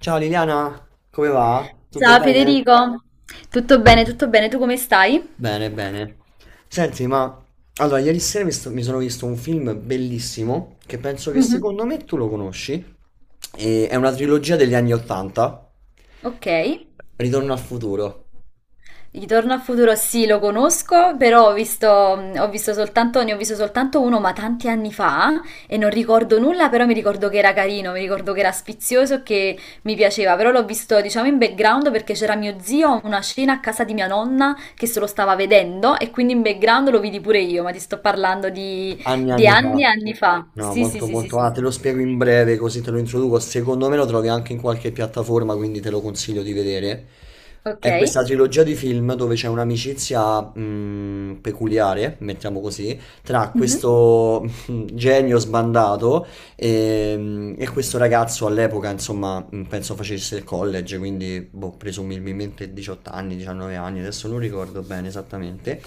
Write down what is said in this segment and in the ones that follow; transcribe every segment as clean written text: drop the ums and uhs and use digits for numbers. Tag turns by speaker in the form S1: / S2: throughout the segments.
S1: Ciao Liliana, come va? Tutto
S2: Ciao
S1: bene?
S2: Federico, tutto bene, tu come stai?
S1: Bene, bene. Senti, ma allora, ieri sera mi sono visto un film bellissimo che penso che
S2: Mhm.
S1: secondo me tu lo conosci. È una trilogia degli anni 80,
S2: Ok.
S1: Ritorno al futuro.
S2: Ritorno al futuro sì, lo conosco, però ho visto, ho visto soltanto, ne ho visto soltanto uno, ma tanti anni fa e non ricordo nulla, però mi ricordo che era carino, mi ricordo che era sfizioso, che mi piaceva, però l'ho visto diciamo in background perché c'era mio zio, a una scena a casa di mia nonna che se lo stava vedendo e quindi in background lo vidi pure io, ma ti sto parlando di,
S1: Anni e
S2: di
S1: anni
S2: anni
S1: fa.
S2: e anni fa.
S1: No,
S2: Sì, sì,
S1: molto
S2: sì, sì,
S1: molto. Ah,
S2: sì.
S1: te lo spiego in breve così te lo introduco. Secondo me lo trovi anche in qualche piattaforma, quindi te lo consiglio di vedere.
S2: Ok.
S1: È questa trilogia di film dove c'è un'amicizia peculiare, mettiamo così, tra
S2: Mhm.
S1: questo genio sbandato e, questo ragazzo all'epoca, insomma, penso facesse il college, quindi boh, presumibilmente 18 anni, 19 anni, adesso non ricordo bene esattamente.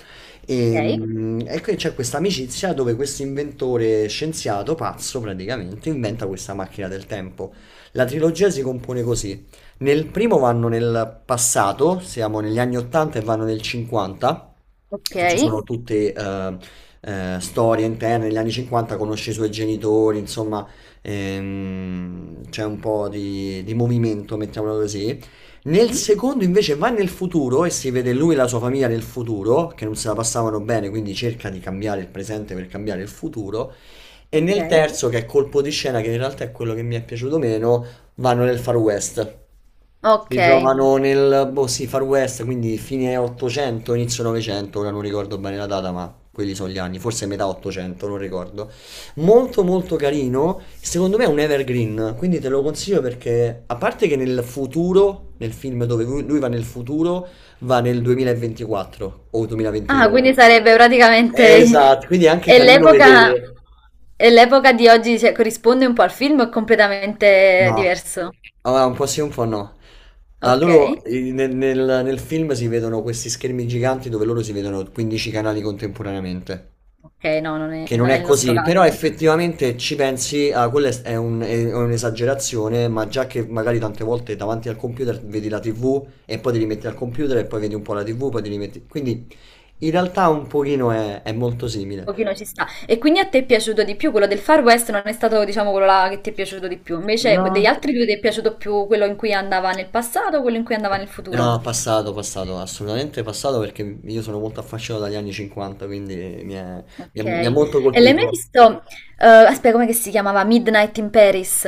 S1: E,
S2: Ok,
S1: mm, e qui c'è questa amicizia dove questo inventore scienziato, pazzo praticamente, inventa questa macchina del tempo. La trilogia si compone così. Nel primo vanno nel passato, siamo negli anni 80 e vanno nel 50,
S2: ok,
S1: e ci sono tutte storie interne. Negli anni 50 conosce i suoi genitori, insomma, c'è un po' di movimento, mettiamola così. Nel
S2: mhm,
S1: secondo invece va nel futuro e si vede lui e la sua famiglia nel futuro, che non se la passavano bene, quindi cerca di cambiare il presente per cambiare il futuro. E
S2: ok,
S1: nel terzo, che è colpo di scena, che in realtà è quello che mi è piaciuto meno, vanno nel Far West.
S2: ok.
S1: Si trovano nel boh, sì, Far West, quindi fine 800, inizio 900, ora non ricordo bene la data, ma quelli sono gli anni, forse metà 800, non ricordo. Molto molto carino, secondo me è un evergreen, quindi te lo consiglio perché a parte che nel futuro, nel film dove lui va nel futuro, va nel 2024 o
S2: Ah,
S1: 2023.
S2: quindi sarebbe praticamente...
S1: Esatto, quindi è anche
S2: E
S1: carino
S2: l'epoca
S1: vedere.
S2: e l'epoca di oggi cioè, corrisponde un po' al film o è completamente
S1: No,
S2: diverso?
S1: allora, un po' sì, un po' no. Allora,
S2: Ok,
S1: loro nel film si vedono questi schermi giganti dove loro si vedono 15 canali contemporaneamente,
S2: ok, no, non è,
S1: che non
S2: non è
S1: è
S2: il nostro
S1: così,
S2: caso.
S1: però
S2: Un
S1: effettivamente ci pensi, ah, quella è è un'esagerazione, ma già che magari tante volte davanti al computer vedi la TV e poi ti rimetti al computer e poi vedi un po' la TV, poi ti rimetti. Quindi in realtà un pochino è molto simile.
S2: pochino ci sta. E quindi a te è piaciuto di più quello del Far West, non è stato, diciamo, quello là che ti è piaciuto di più. Invece degli
S1: No.
S2: altri due ti è piaciuto più quello in cui andava nel passato o quello in cui andava nel futuro?
S1: No, passato, passato, assolutamente passato perché io sono molto affascinato dagli anni 50, quindi mi è-
S2: Ok.
S1: mi ha molto
S2: E l'hai mai
S1: colpito.
S2: visto? Eh, aspetta, come che si chiamava? Midnight in Paris.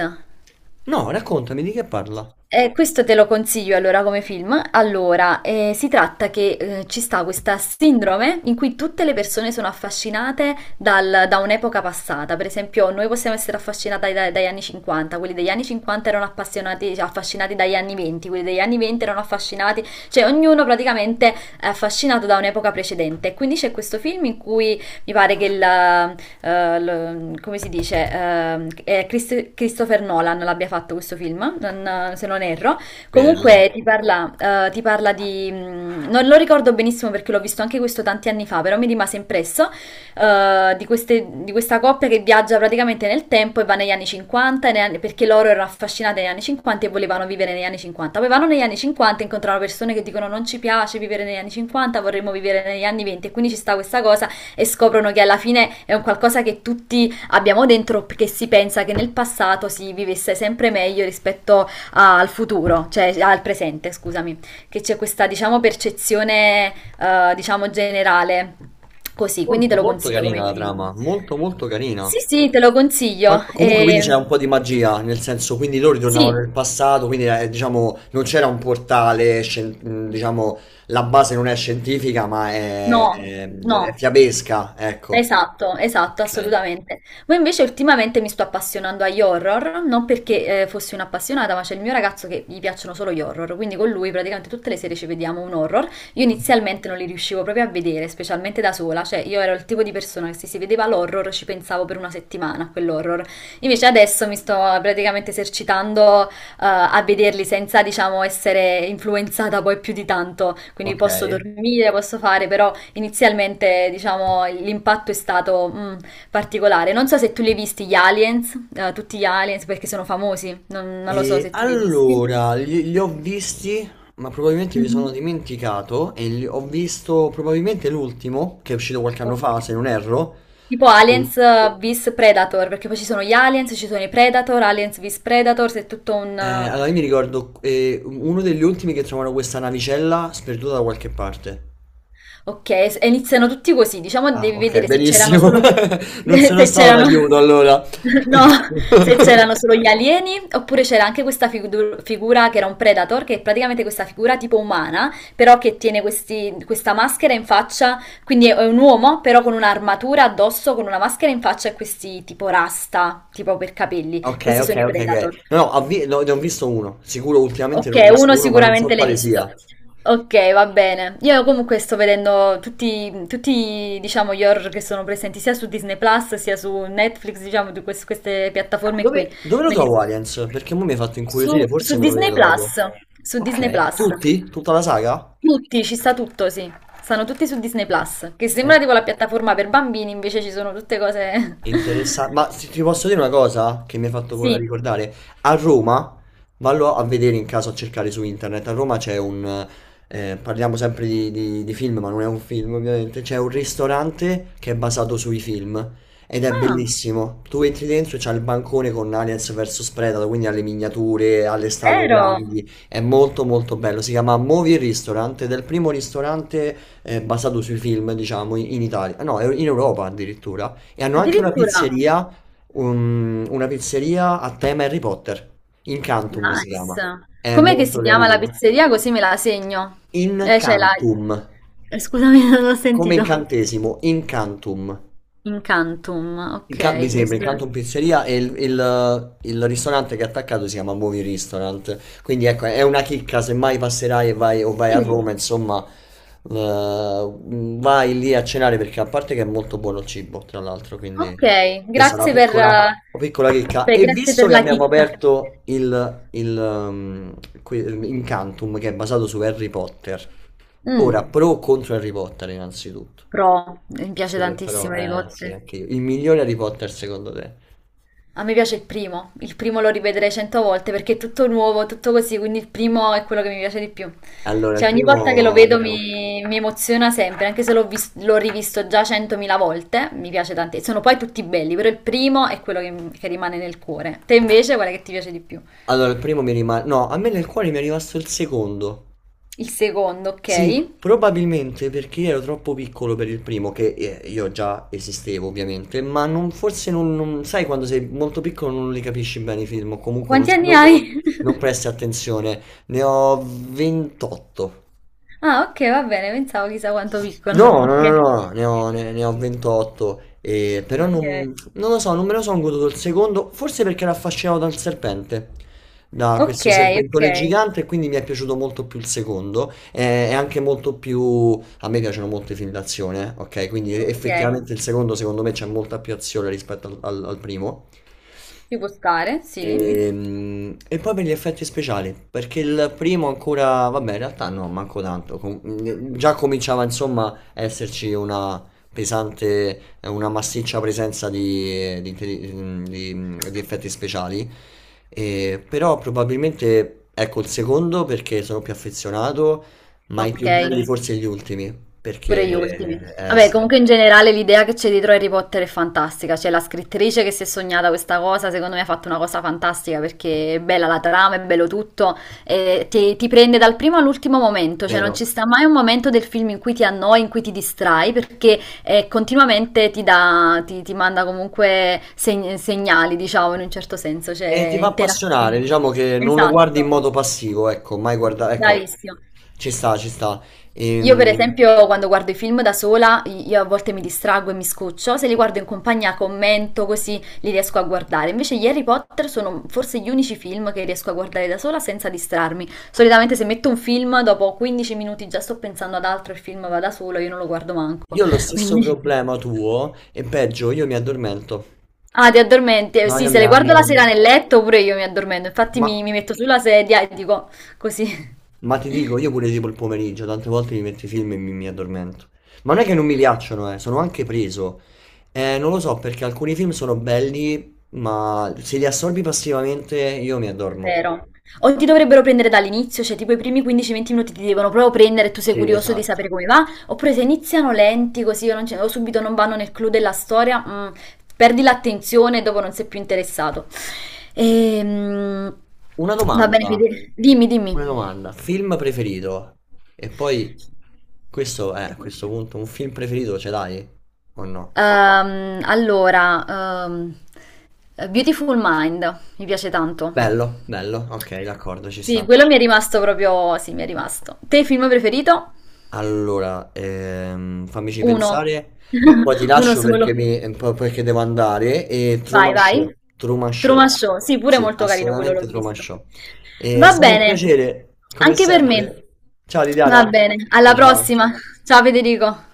S1: No, raccontami di che parla.
S2: Questo te lo consiglio allora come film. Allora, si tratta che ci sta questa sindrome in cui tutte le persone sono affascinate da un'epoca passata. Per esempio, noi possiamo essere affascinati dagli anni 50, quelli degli anni 50 erano appassionati, cioè, affascinati dagli anni 20, quelli degli anni 20 erano affascinati, cioè ognuno praticamente è affascinato da un'epoca precedente. Quindi c'è questo film in cui mi pare che come si dice, è Christopher Nolan l'abbia fatto questo film, se non erro.
S1: Bello.
S2: Comunque ti parla di... mm, non lo ricordo benissimo perché l'ho visto anche questo tanti anni fa, però mi rimase impresso, di di questa coppia che viaggia praticamente nel tempo e va negli anni 50, e perché loro erano affascinate negli anni 50 e volevano vivere negli anni 50. Poi vanno negli anni 50 e incontrano persone che dicono non ci piace vivere negli anni 50, vorremmo vivere negli anni 20 e quindi ci sta questa cosa e scoprono che alla fine è un qualcosa che tutti abbiamo dentro perché si pensa che nel passato si vivesse sempre meglio rispetto al futuro, cioè al presente, scusami, che c'è questa diciamo percezione diciamo generale così, quindi te
S1: Molto,
S2: lo
S1: molto
S2: consiglio
S1: carina
S2: come
S1: la
S2: film.
S1: trama, molto, molto carina.
S2: Sì, sì, te lo consiglio.
S1: Ma comunque quindi c'è
S2: E...
S1: un po' di magia, nel senso, quindi loro
S2: Sì.
S1: ritornavano nel passato, quindi diciamo non c'era un portale, diciamo la base non è scientifica ma
S2: No,
S1: è
S2: no.
S1: fiabesca, ecco.
S2: Esatto, esatto,
S1: Ok.
S2: assolutamente. Poi invece ultimamente mi sto appassionando agli horror, non perché fossi un'appassionata, ma c'è il mio ragazzo che gli piacciono solo gli horror, quindi con lui praticamente tutte le sere ci vediamo un horror. Io inizialmente non li riuscivo proprio a vedere, specialmente da sola, cioè io ero il tipo di persona che se si vedeva l'horror ci pensavo per una settimana a quell'horror. Invece adesso mi sto praticamente esercitando a vederli senza, diciamo, essere influenzata poi più di tanto, quindi
S1: Ok.
S2: posso dormire, posso fare, però inizialmente, diciamo, l'impatto è stato particolare. Non so se tu li hai visti gli aliens, tutti gli aliens, perché sono famosi. Non lo so
S1: E
S2: se tu li hai visti.
S1: allora, li ho visti, ma probabilmente mi sono
S2: Mhm.
S1: dimenticato e ho visto probabilmente l'ultimo, che è uscito qualche anno
S2: Ok.
S1: fa, se non erro.
S2: Tipo
S1: Mm.
S2: Aliens vs Predator, perché poi ci sono gli aliens, ci sono i Predator, Aliens vs Predator, c'è tutto un,
S1: Allora io mi ricordo uno degli ultimi che trovano questa navicella sperduta da qualche parte.
S2: ok, e iniziano tutti così, diciamo
S1: Ah,
S2: devi
S1: ok,
S2: vedere se c'erano
S1: benissimo.
S2: solo gli...
S1: Non sono
S2: se
S1: stato
S2: c'erano...
S1: d'aiuto allora.
S2: No, se c'erano solo gli alieni, oppure c'era anche questa figura che era un predator, che è praticamente questa figura tipo umana, però che tiene questa maschera in faccia, quindi è un uomo, però con un'armatura addosso, con una maschera in faccia e questi tipo rasta, tipo per capelli.
S1: Ok,
S2: Questi
S1: ok,
S2: sono i
S1: ok,
S2: predator.
S1: ok. No, no, ne ho visto uno. Sicuro ultimamente ne
S2: Ok,
S1: ho visto
S2: uno
S1: uno, ma non so
S2: sicuramente l'hai
S1: quale
S2: visto.
S1: sia.
S2: Ok, va bene. Io comunque sto vedendo tutti, tutti, diciamo, gli horror che sono presenti sia su Disney Plus sia su Netflix, diciamo, di queste piattaforme qui.
S1: Dove lo
S2: Me li-
S1: trovo Aliens? Perché mo mi hai fatto incuriosire,
S2: Su, su
S1: forse me lo
S2: Disney
S1: vedo dopo.
S2: Plus, su Disney
S1: Ok,
S2: Plus.
S1: tutti? Tutta la saga?
S2: Tutti, ci sta tutto, sì. Stanno tutti su Disney Plus, che
S1: Eh,
S2: sembra tipo la piattaforma per bambini, invece ci sono tutte cose...
S1: Interessante, ma se ti posso dire una cosa che mi hai fatto
S2: Sì.
S1: ricordare, a Roma, vallo a vedere in caso a cercare su internet, a Roma c'è un, parliamo sempre di film, ma non è un film ovviamente, c'è un ristorante che è basato sui film ed è
S2: Ah,
S1: bellissimo, tu entri dentro e c'è il bancone con Aliens vs Predator, quindi alle miniature, alle statue
S2: vero?
S1: grandi, è molto molto bello, si chiama Movie Restaurant ed è il primo ristorante basato sui film, diciamo, in Italia, no, è in Europa addirittura. E hanno anche una
S2: Addirittura.
S1: pizzeria, una pizzeria a tema Harry Potter. Incantum si
S2: Nice.
S1: chiama. È
S2: Com'è che
S1: molto
S2: si chiama la
S1: carino.
S2: pizzeria? Così me la segno. C'è la
S1: Incantum,
S2: Scusami, non ho
S1: come
S2: sentito.
S1: incantesimo, Incantum.
S2: Incantum. Ok,
S1: Mi sembra Incanto in Pizzeria e il ristorante che è attaccato si chiama Movie Restaurant. Quindi ecco, è una chicca, se mai passerai e vai, o vai a
S2: sì.
S1: Roma, insomma, eh, vai lì a cenare perché a parte che è molto buono il cibo, tra l'altro,
S2: Ok,
S1: quindi questa è
S2: grazie per,
S1: una piccola chicca. E
S2: grazie
S1: visto
S2: per
S1: che
S2: la
S1: abbiamo
S2: chicca.
S1: aperto que- Incantum, che è basato su Harry Potter,
S2: Mm,
S1: ora pro o contro Harry Potter innanzitutto?
S2: pro, mi piace
S1: Super però,
S2: tantissimo i
S1: eh
S2: ricotta.
S1: sì, anche io. Il migliore Harry Potter secondo te?
S2: A me piace il primo lo rivedrei cento volte perché è tutto nuovo, tutto così, quindi il primo è quello che mi piace di più.
S1: Allora, il
S2: Cioè ogni volta che lo
S1: primo...
S2: vedo
S1: no.
S2: mi emoziona sempre, anche se l'ho rivisto già centomila volte, mi piace tantissimo. Sono poi tutti belli, però il primo è quello che rimane nel cuore. Te invece qual è che ti piace di più?
S1: Allora, il primo mi rimane... No, a me nel cuore mi è rimasto il secondo.
S2: Il secondo,
S1: Sì,
S2: ok.
S1: probabilmente perché ero troppo piccolo per il primo, che io già esistevo ovviamente, ma non, forse non, non- sai quando sei molto piccolo non li capisci bene i film, o comunque
S2: Quanti anni hai?
S1: non presti attenzione. Ne ho 28.
S2: Ah, ok, va bene, pensavo chissà quanto piccolo.
S1: No, no, no, no, ne ho 28, però non,
S2: Ok,
S1: non lo so, non me lo sono goduto il secondo, forse perché ero affascinato dal serpente, da
S2: ok,
S1: questo
S2: ok,
S1: serpentone gigante, e quindi mi è piaciuto molto più il secondo, è anche molto più... a me piacciono molto i film d'azione, ok? Quindi
S2: ok, ok.
S1: effettivamente il secondo secondo me c'è molta più azione rispetto al primo.
S2: Ci può stare, sì.
S1: E poi per gli effetti speciali, perché il primo ancora, vabbè, in realtà no, manco tanto. Già cominciava insomma a esserci una pesante, una massiccia presenza di, di effetti speciali. E, però probabilmente ecco il secondo perché sono più affezionato, ma i
S2: Ok,
S1: più belli forse gli ultimi,
S2: pure gli ultimi.
S1: perché
S2: Vabbè,
S1: sì,
S2: comunque in generale l'idea che c'è dietro Harry Potter è fantastica. C'è la scrittrice che si è sognata questa cosa, secondo me ha fatto una cosa fantastica perché è bella la trama, è bello tutto, e ti prende dal primo all'ultimo momento, cioè non ci
S1: vero.
S2: sta mai un momento del film in cui ti annoi, in cui ti distrai, perché continuamente ti manda comunque segnali, diciamo, in un certo senso, cioè
S1: E ti fa appassionare,
S2: interattivi.
S1: diciamo che non lo guardi in
S2: Esatto.
S1: modo passivo, ecco, mai guarda, ecco,
S2: Bravissimo.
S1: ci sta, ci sta.
S2: Io per
S1: Ehm,
S2: esempio quando guardo i film da sola, io a volte mi distraggo e mi scoccio, se li guardo in compagnia commento così li riesco a guardare. Invece gli Harry Potter sono forse gli unici film che riesco a guardare da sola senza distrarmi. Solitamente se metto un film, dopo 15 minuti già sto pensando ad altro, il film va da solo, io non lo guardo manco.
S1: io ho lo stesso
S2: Quindi...
S1: problema tuo e peggio, io mi addormento.
S2: Ah, ti addormenti?
S1: No,
S2: Sì,
S1: io
S2: se
S1: mi,
S2: le guardo la
S1: mi-
S2: sera nel letto, pure io mi addormento. Infatti
S1: ma,
S2: mi metto sulla sedia e dico così.
S1: ma ti dico, io pure tipo il pomeriggio, tante volte mi metto i film e mi addormento. Ma non è che non mi piacciono, sono anche preso. Non lo so, perché alcuni film sono belli, ma se li assorbi passivamente io mi
S2: È
S1: addormo.
S2: vero. O ti dovrebbero prendere dall'inizio, cioè tipo i primi 15-20 minuti ti devono proprio prendere e tu sei
S1: Sì,
S2: curioso di
S1: esatto.
S2: sapere come va, oppure se iniziano lenti così o, non ce- o subito non vanno nel clou della storia, mm, perdi l'attenzione e dopo non sei più interessato. Ehm,
S1: Una
S2: va bene,
S1: domanda,
S2: Fede. Dimmi, dimmi.
S1: una domanda. Film preferito? E poi, questo è, a questo punto, un film preferito ce l'hai? O no?
S2: Ehm, allora, ehm, Beautiful Mind, mi piace tanto.
S1: Bello, bello, ok, d'accordo, ci
S2: Sì,
S1: sta.
S2: quello mi è rimasto proprio, sì, mi è rimasto. Te, film preferito?
S1: Allora, fammici
S2: 1.
S1: pensare. Poi ti
S2: Uno
S1: lascio
S2: solo.
S1: perché, perché devo andare. E
S2: Vai,
S1: Truman
S2: vai.
S1: Show, Truman Show.
S2: Truman Show, sì, pure
S1: Sì,
S2: molto carino quello, l'ho
S1: assolutamente Truman
S2: visto.
S1: Show. È
S2: Va
S1: stato un
S2: bene,
S1: piacere, come
S2: anche per me.
S1: sempre. Ciao
S2: Va
S1: Liliana.
S2: bene,
S1: Ciao
S2: alla
S1: ciao.
S2: prossima. Ciao Federico.